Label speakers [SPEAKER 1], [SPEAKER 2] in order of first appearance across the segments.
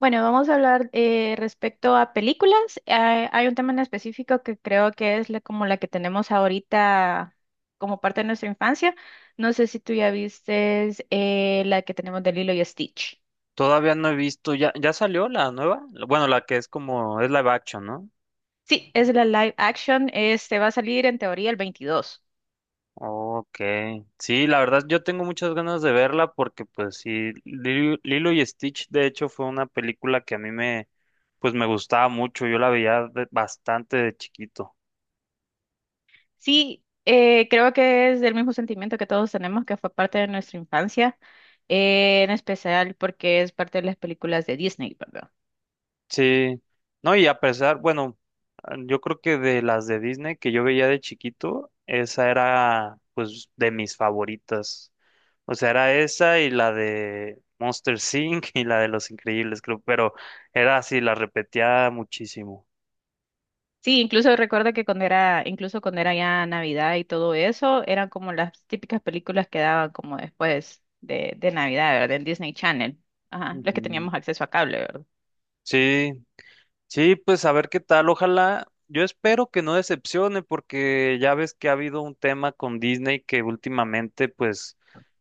[SPEAKER 1] Bueno, vamos a hablar respecto a películas. Hay un tema en específico que creo que es como la que tenemos ahorita como parte de nuestra infancia. No sé si tú ya viste la que tenemos de Lilo y Stitch.
[SPEAKER 2] Todavía no he visto, ya, ya salió la nueva, bueno, la que es como, es live action, ¿no?
[SPEAKER 1] Sí, es la live action. Este va a salir en teoría el 22.
[SPEAKER 2] Ok, sí, la verdad yo tengo muchas ganas de verla porque pues sí, Lilo y Stitch de hecho fue una película que a mí me gustaba mucho, yo la veía bastante de chiquito.
[SPEAKER 1] Sí, creo que es del mismo sentimiento que todos tenemos, que fue parte de nuestra infancia, en especial porque es parte de las películas de Disney, ¿verdad?
[SPEAKER 2] Sí, no, y a pesar, bueno, yo creo que de las de Disney que yo veía de chiquito, esa era pues de mis favoritas. O sea, era esa y la de Monster Inc. y la de Los Increíbles, creo, pero era así, la repetía muchísimo.
[SPEAKER 1] Sí, incluso recuerdo que incluso cuando era ya Navidad y todo eso, eran como las típicas películas que daban como después de Navidad, ¿verdad? En Disney Channel. Ajá, los que
[SPEAKER 2] Ujú.
[SPEAKER 1] teníamos acceso a cable, ¿verdad?
[SPEAKER 2] Sí, sí, pues a ver qué tal. Ojalá, yo espero que no decepcione porque ya ves que ha habido un tema con Disney que últimamente pues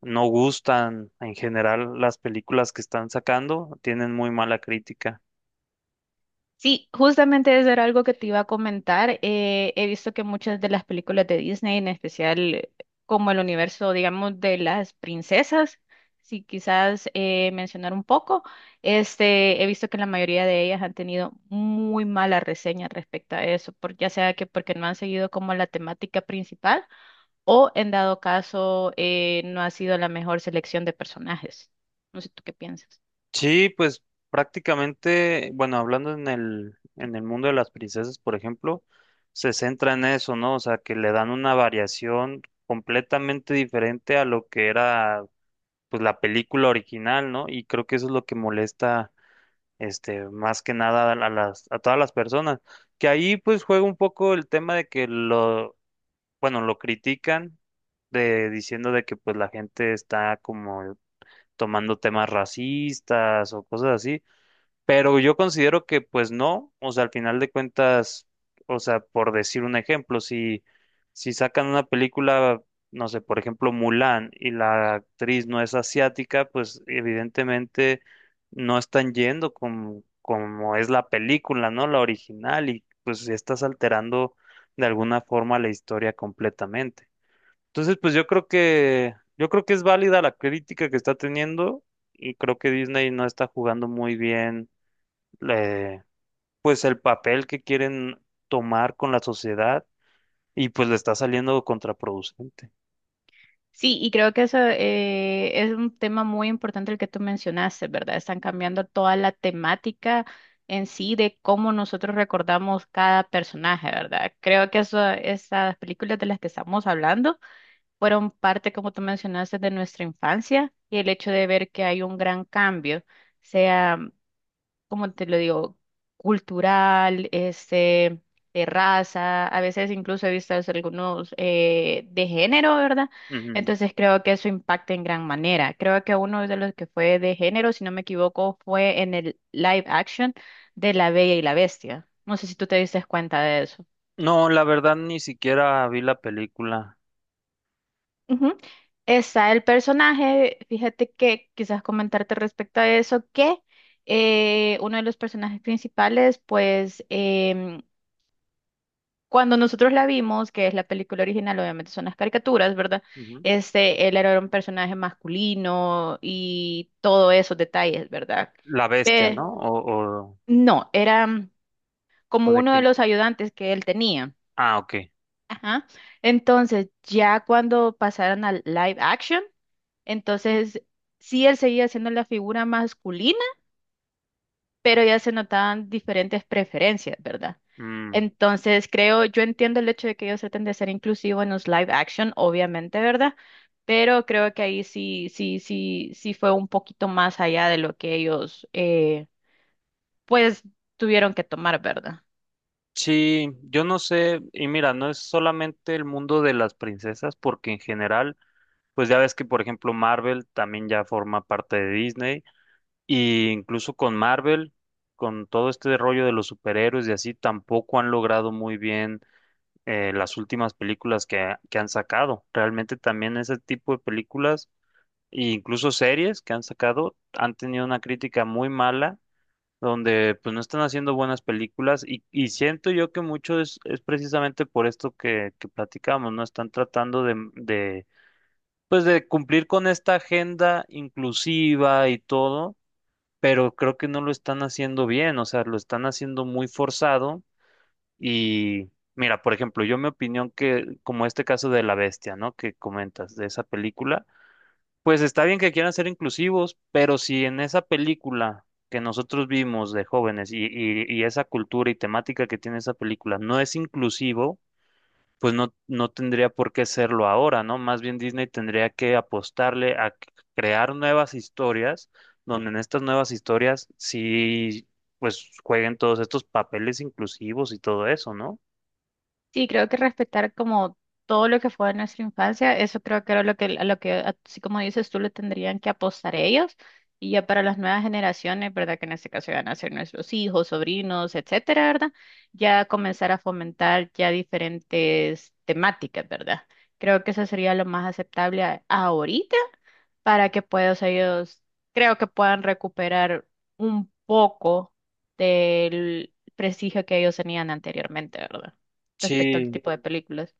[SPEAKER 2] no gustan en general las películas que están sacando, tienen muy mala crítica.
[SPEAKER 1] Sí, justamente eso era algo que te iba a comentar. He visto que muchas de las películas de Disney, en especial como el universo, digamos, de las princesas, si quizás mencionar un poco, este, he visto que la mayoría de ellas han tenido muy mala reseña respecto a eso, ya sea que porque no han seguido como la temática principal o en dado caso no ha sido la mejor selección de personajes. No sé tú qué piensas.
[SPEAKER 2] Sí, pues prácticamente, bueno, hablando en el mundo de las princesas, por ejemplo, se centra en eso, ¿no? O sea, que le dan una variación completamente diferente a lo que era pues la película original, ¿no? Y creo que eso es lo que molesta este, más que nada a todas las personas. Que ahí pues juega un poco el tema de que lo, bueno, lo critican de diciendo de que pues la gente está como tomando temas racistas o cosas así, pero yo considero que pues no, o sea, al final de cuentas, o sea, por decir un ejemplo, si sacan una película, no sé, por ejemplo, Mulan y la actriz no es asiática, pues evidentemente no están yendo como, como es la película, ¿no? La original y pues estás alterando de alguna forma la historia completamente. Entonces, pues yo creo que es válida la crítica que está teniendo y creo que Disney no está jugando muy bien eh, pues el papel que quieren tomar con la sociedad y pues le está saliendo contraproducente.
[SPEAKER 1] Sí, y creo que eso es un tema muy importante el que tú mencionaste, ¿verdad? Están cambiando toda la temática en sí de cómo nosotros recordamos cada personaje, ¿verdad? Creo que eso, esas películas de las que estamos hablando fueron parte, como tú mencionaste, de nuestra infancia y el hecho de ver que hay un gran cambio. Sea como te lo digo, cultural, este, de raza, a veces incluso he visto algunos de género, ¿verdad?
[SPEAKER 2] Ujú.
[SPEAKER 1] Entonces creo que eso impacta en gran manera. Creo que uno de los que fue de género, si no me equivoco, fue en el live action de La Bella y la Bestia. No sé si tú te diste cuenta de eso.
[SPEAKER 2] No, la verdad ni siquiera vi la película.
[SPEAKER 1] Ujú. Está el personaje, fíjate que quizás comentarte respecto a eso, que uno de los personajes principales, pues cuando nosotros la vimos, que es la película original, obviamente son las caricaturas, ¿verdad?
[SPEAKER 2] Ujú.
[SPEAKER 1] Este, él era un personaje masculino y todos esos detalles, ¿verdad?
[SPEAKER 2] La bestia,
[SPEAKER 1] Pe-
[SPEAKER 2] ¿no?
[SPEAKER 1] no, era como
[SPEAKER 2] O de
[SPEAKER 1] uno de
[SPEAKER 2] quién.
[SPEAKER 1] los ayudantes que él tenía.
[SPEAKER 2] Ah, ok.
[SPEAKER 1] Ajá. Entonces, ya cuando pasaron al live action, entonces sí él seguía siendo la figura masculina pero ya se notaban diferentes preferencias, ¿verdad?
[SPEAKER 2] Mm.
[SPEAKER 1] Entonces, creo, yo entiendo el hecho de que ellos traten de ser inclusivos en los live action, obviamente, ¿verdad? Pero creo que ahí sí fue un poquito más allá de lo que ellos, pues, tuvieron que tomar, ¿verdad?
[SPEAKER 2] Sí, yo no sé, y mira, no es solamente el mundo de las princesas, porque en general, pues ya ves que, por ejemplo, Marvel también ya forma parte de Disney. Y incluso con Marvel, con todo este rollo de los superhéroes y así, tampoco han logrado muy bien las últimas películas que han sacado. Realmente también ese tipo de películas e incluso series que han sacado han tenido una crítica muy mala, donde pues no están haciendo buenas películas y siento yo que mucho es precisamente por esto que platicamos, ¿no? Están tratando pues de cumplir con esta agenda inclusiva y todo, pero creo que no lo están haciendo bien, o sea, lo están haciendo muy forzado. Y mira, por ejemplo, yo mi opinión que como este caso de La Bestia, ¿no? que comentas de esa película, pues está bien que quieran ser inclusivos, pero si en esa película que nosotros vimos de jóvenes y esa cultura y temática que tiene esa película no es inclusivo, pues no, no tendría por qué serlo ahora, ¿no? Más bien Disney tendría que apostarle a crear nuevas historias, donde en estas nuevas historias sí, pues jueguen todos estos papeles inclusivos y todo eso, ¿no?
[SPEAKER 1] Sí, creo que respetar como todo lo que fue de nuestra infancia, eso creo que era lo que, a lo que, así como dices tú, le tendrían que apostar ellos. Y ya para las nuevas generaciones, ¿verdad? Que en este caso van a ser nuestros hijos, sobrinos, etcétera, ¿verdad? Ya comenzar a fomentar ya diferentes temáticas, ¿verdad? Creo que eso sería lo más aceptable ahorita para que puedan, o sea, ellos creo que puedan recuperar un poco del prestigio que ellos tenían anteriormente, ¿verdad? Respecto al
[SPEAKER 2] Sí,
[SPEAKER 1] tipo de películas.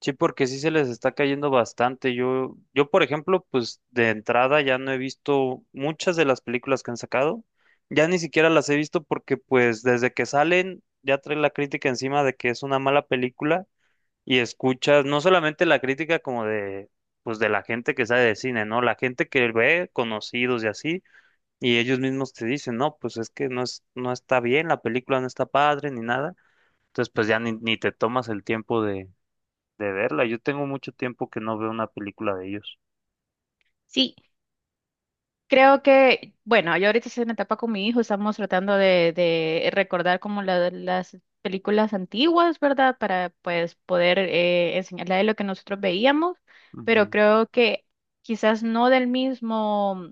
[SPEAKER 2] sí, porque sí se les está cayendo bastante. Por ejemplo, pues de entrada ya no he visto muchas de las películas que han sacado. Ya ni siquiera las he visto porque pues desde que salen ya trae la crítica encima de que es una mala película y escuchas no solamente la crítica como de, pues de la gente que sabe de cine, ¿no? La gente que ve conocidos y así, y ellos mismos te dicen, no, pues es que no es, no está bien, la película no está padre ni nada. Entonces, pues ya ni te tomas el tiempo de verla. Yo tengo mucho tiempo que no veo una película de ellos.
[SPEAKER 1] Sí, creo que, bueno, yo ahorita estoy en etapa con mi hijo, estamos tratando de recordar como las películas antiguas, ¿verdad? Para pues poder enseñarle a él lo que nosotros veíamos,
[SPEAKER 2] Ujú.
[SPEAKER 1] pero creo que quizás no del mismo.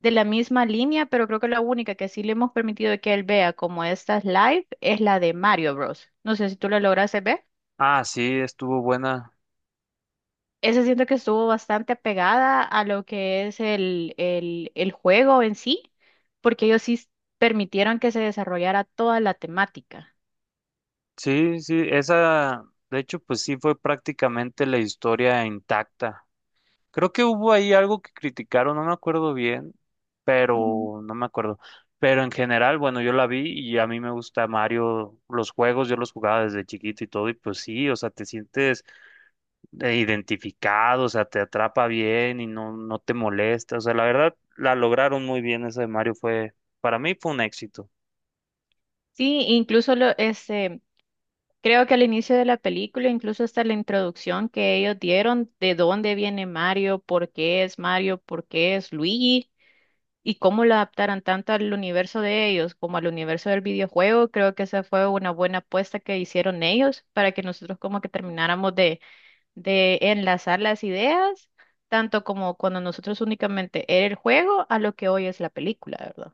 [SPEAKER 1] De la misma línea, pero creo que la única que sí le hemos permitido que él vea como estas live es la de Mario Bros. No sé si tú la lograste ver.
[SPEAKER 2] Ah, sí, estuvo buena.
[SPEAKER 1] Esa siento que estuvo bastante pegada a lo que es el juego en sí, porque ellos sí permitieron que se desarrollara toda la temática.
[SPEAKER 2] Sí, de hecho, pues sí fue prácticamente la historia intacta. Creo que hubo ahí algo que criticaron, no me acuerdo bien,
[SPEAKER 1] Ujú.
[SPEAKER 2] pero no me acuerdo. Pero en general, bueno, yo la vi y a mí me gusta Mario, los juegos, yo los jugaba desde chiquito y todo, y pues sí, o sea, te sientes identificado, o sea, te atrapa bien y no, no te molesta, o sea, la verdad, la lograron muy bien esa de Mario, fue, para mí fue un éxito.
[SPEAKER 1] Sí, incluso lo, este, creo que al inicio de la película, incluso hasta la introducción que ellos dieron de dónde viene Mario, por qué es Mario, por qué es Luigi. Y cómo lo adaptaran tanto al universo de ellos como al universo del videojuego, creo que esa fue una buena apuesta que hicieron ellos para que nosotros como que termináramos de, enlazar las ideas, tanto como cuando nosotros únicamente era el juego a lo que hoy es la película, ¿verdad?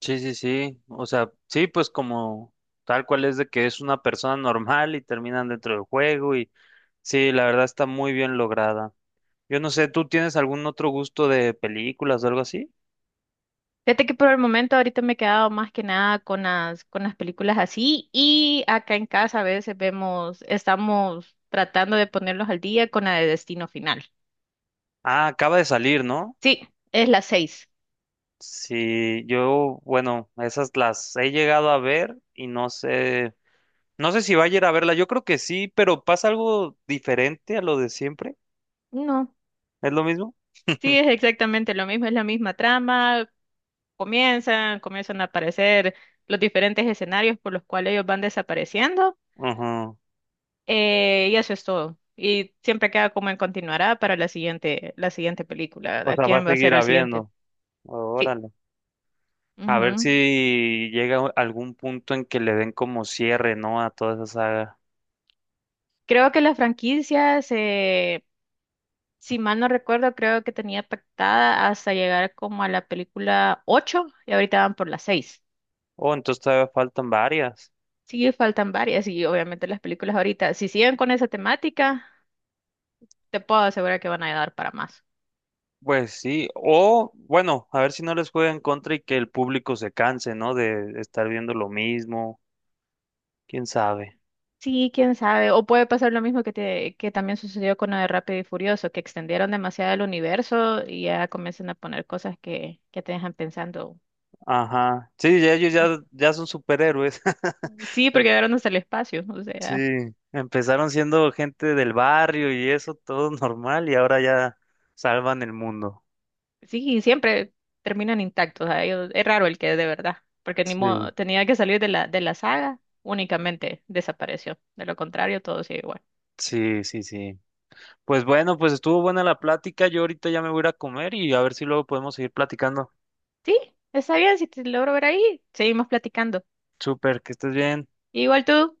[SPEAKER 2] Sí, o sea, sí, pues como tal cual es de que es una persona normal y terminan dentro del juego y sí, la verdad está muy bien lograda. Yo no sé, ¿tú tienes algún otro gusto de películas o algo así?
[SPEAKER 1] Fíjate que por el momento ahorita me he quedado más que nada con las películas así y acá en casa a veces vemos, estamos tratando de ponerlos al día con la de Destino Final.
[SPEAKER 2] Ah, acaba de salir, ¿no?
[SPEAKER 1] Sí, es la seis.
[SPEAKER 2] Sí, yo, bueno, esas las he llegado a ver y no sé, no sé si va a ir a verla, yo creo que sí, pero pasa algo diferente a lo de siempre,
[SPEAKER 1] No.
[SPEAKER 2] ¿es lo mismo?
[SPEAKER 1] Sí, es exactamente lo mismo, es la misma trama, comienzan, comienzan a aparecer los diferentes escenarios por los cuales ellos van desapareciendo,
[SPEAKER 2] Ujú.
[SPEAKER 1] y eso es todo. Y siempre queda como en continuará para la siguiente película,
[SPEAKER 2] O
[SPEAKER 1] ¿verdad?
[SPEAKER 2] sea, va a
[SPEAKER 1] ¿Quién va a
[SPEAKER 2] seguir
[SPEAKER 1] ser el siguiente?
[SPEAKER 2] habiendo,
[SPEAKER 1] Sí.
[SPEAKER 2] órale. A ver
[SPEAKER 1] Ujú.
[SPEAKER 2] si llega algún punto en que le den como cierre, ¿no? A toda esa saga.
[SPEAKER 1] Creo que la franquicia se, si mal no recuerdo, creo que tenía pactada hasta llegar como a la película 8 y ahorita van por la 6.
[SPEAKER 2] Oh, entonces todavía faltan varias.
[SPEAKER 1] Sí, faltan varias y obviamente las películas ahorita, si siguen con esa temática, te puedo asegurar que van a dar para más.
[SPEAKER 2] Pues sí, o bueno, a ver si no les juega en contra y que el público se canse, ¿no? De estar viendo lo mismo, quién sabe.
[SPEAKER 1] Sí, quién sabe. O puede pasar lo mismo que también sucedió con lo de Rápido y Furioso, que extendieron demasiado el universo y ya comienzan a poner cosas que te dejan pensando.
[SPEAKER 2] Ajá, sí,
[SPEAKER 1] eh,
[SPEAKER 2] ya son superhéroes.
[SPEAKER 1] Sí, porque
[SPEAKER 2] Em-
[SPEAKER 1] llegaron hasta el espacio. O
[SPEAKER 2] Sí,
[SPEAKER 1] sea,
[SPEAKER 2] empezaron siendo gente del barrio y eso, todo normal, y ahora ya salvan el mundo.
[SPEAKER 1] sí, siempre terminan intactos. Es raro el que es de verdad, porque ni
[SPEAKER 2] Sí,
[SPEAKER 1] modo, tenía que salir de la, saga, únicamente desapareció. De lo contrario, todo sigue igual.
[SPEAKER 2] sí. Pues bueno, pues estuvo buena la plática, yo ahorita ya me voy a ir a comer y a ver si luego podemos seguir platicando.
[SPEAKER 1] Sí, está bien, si te logro ver ahí, seguimos platicando.
[SPEAKER 2] Súper, que estés bien.
[SPEAKER 1] Igual tú.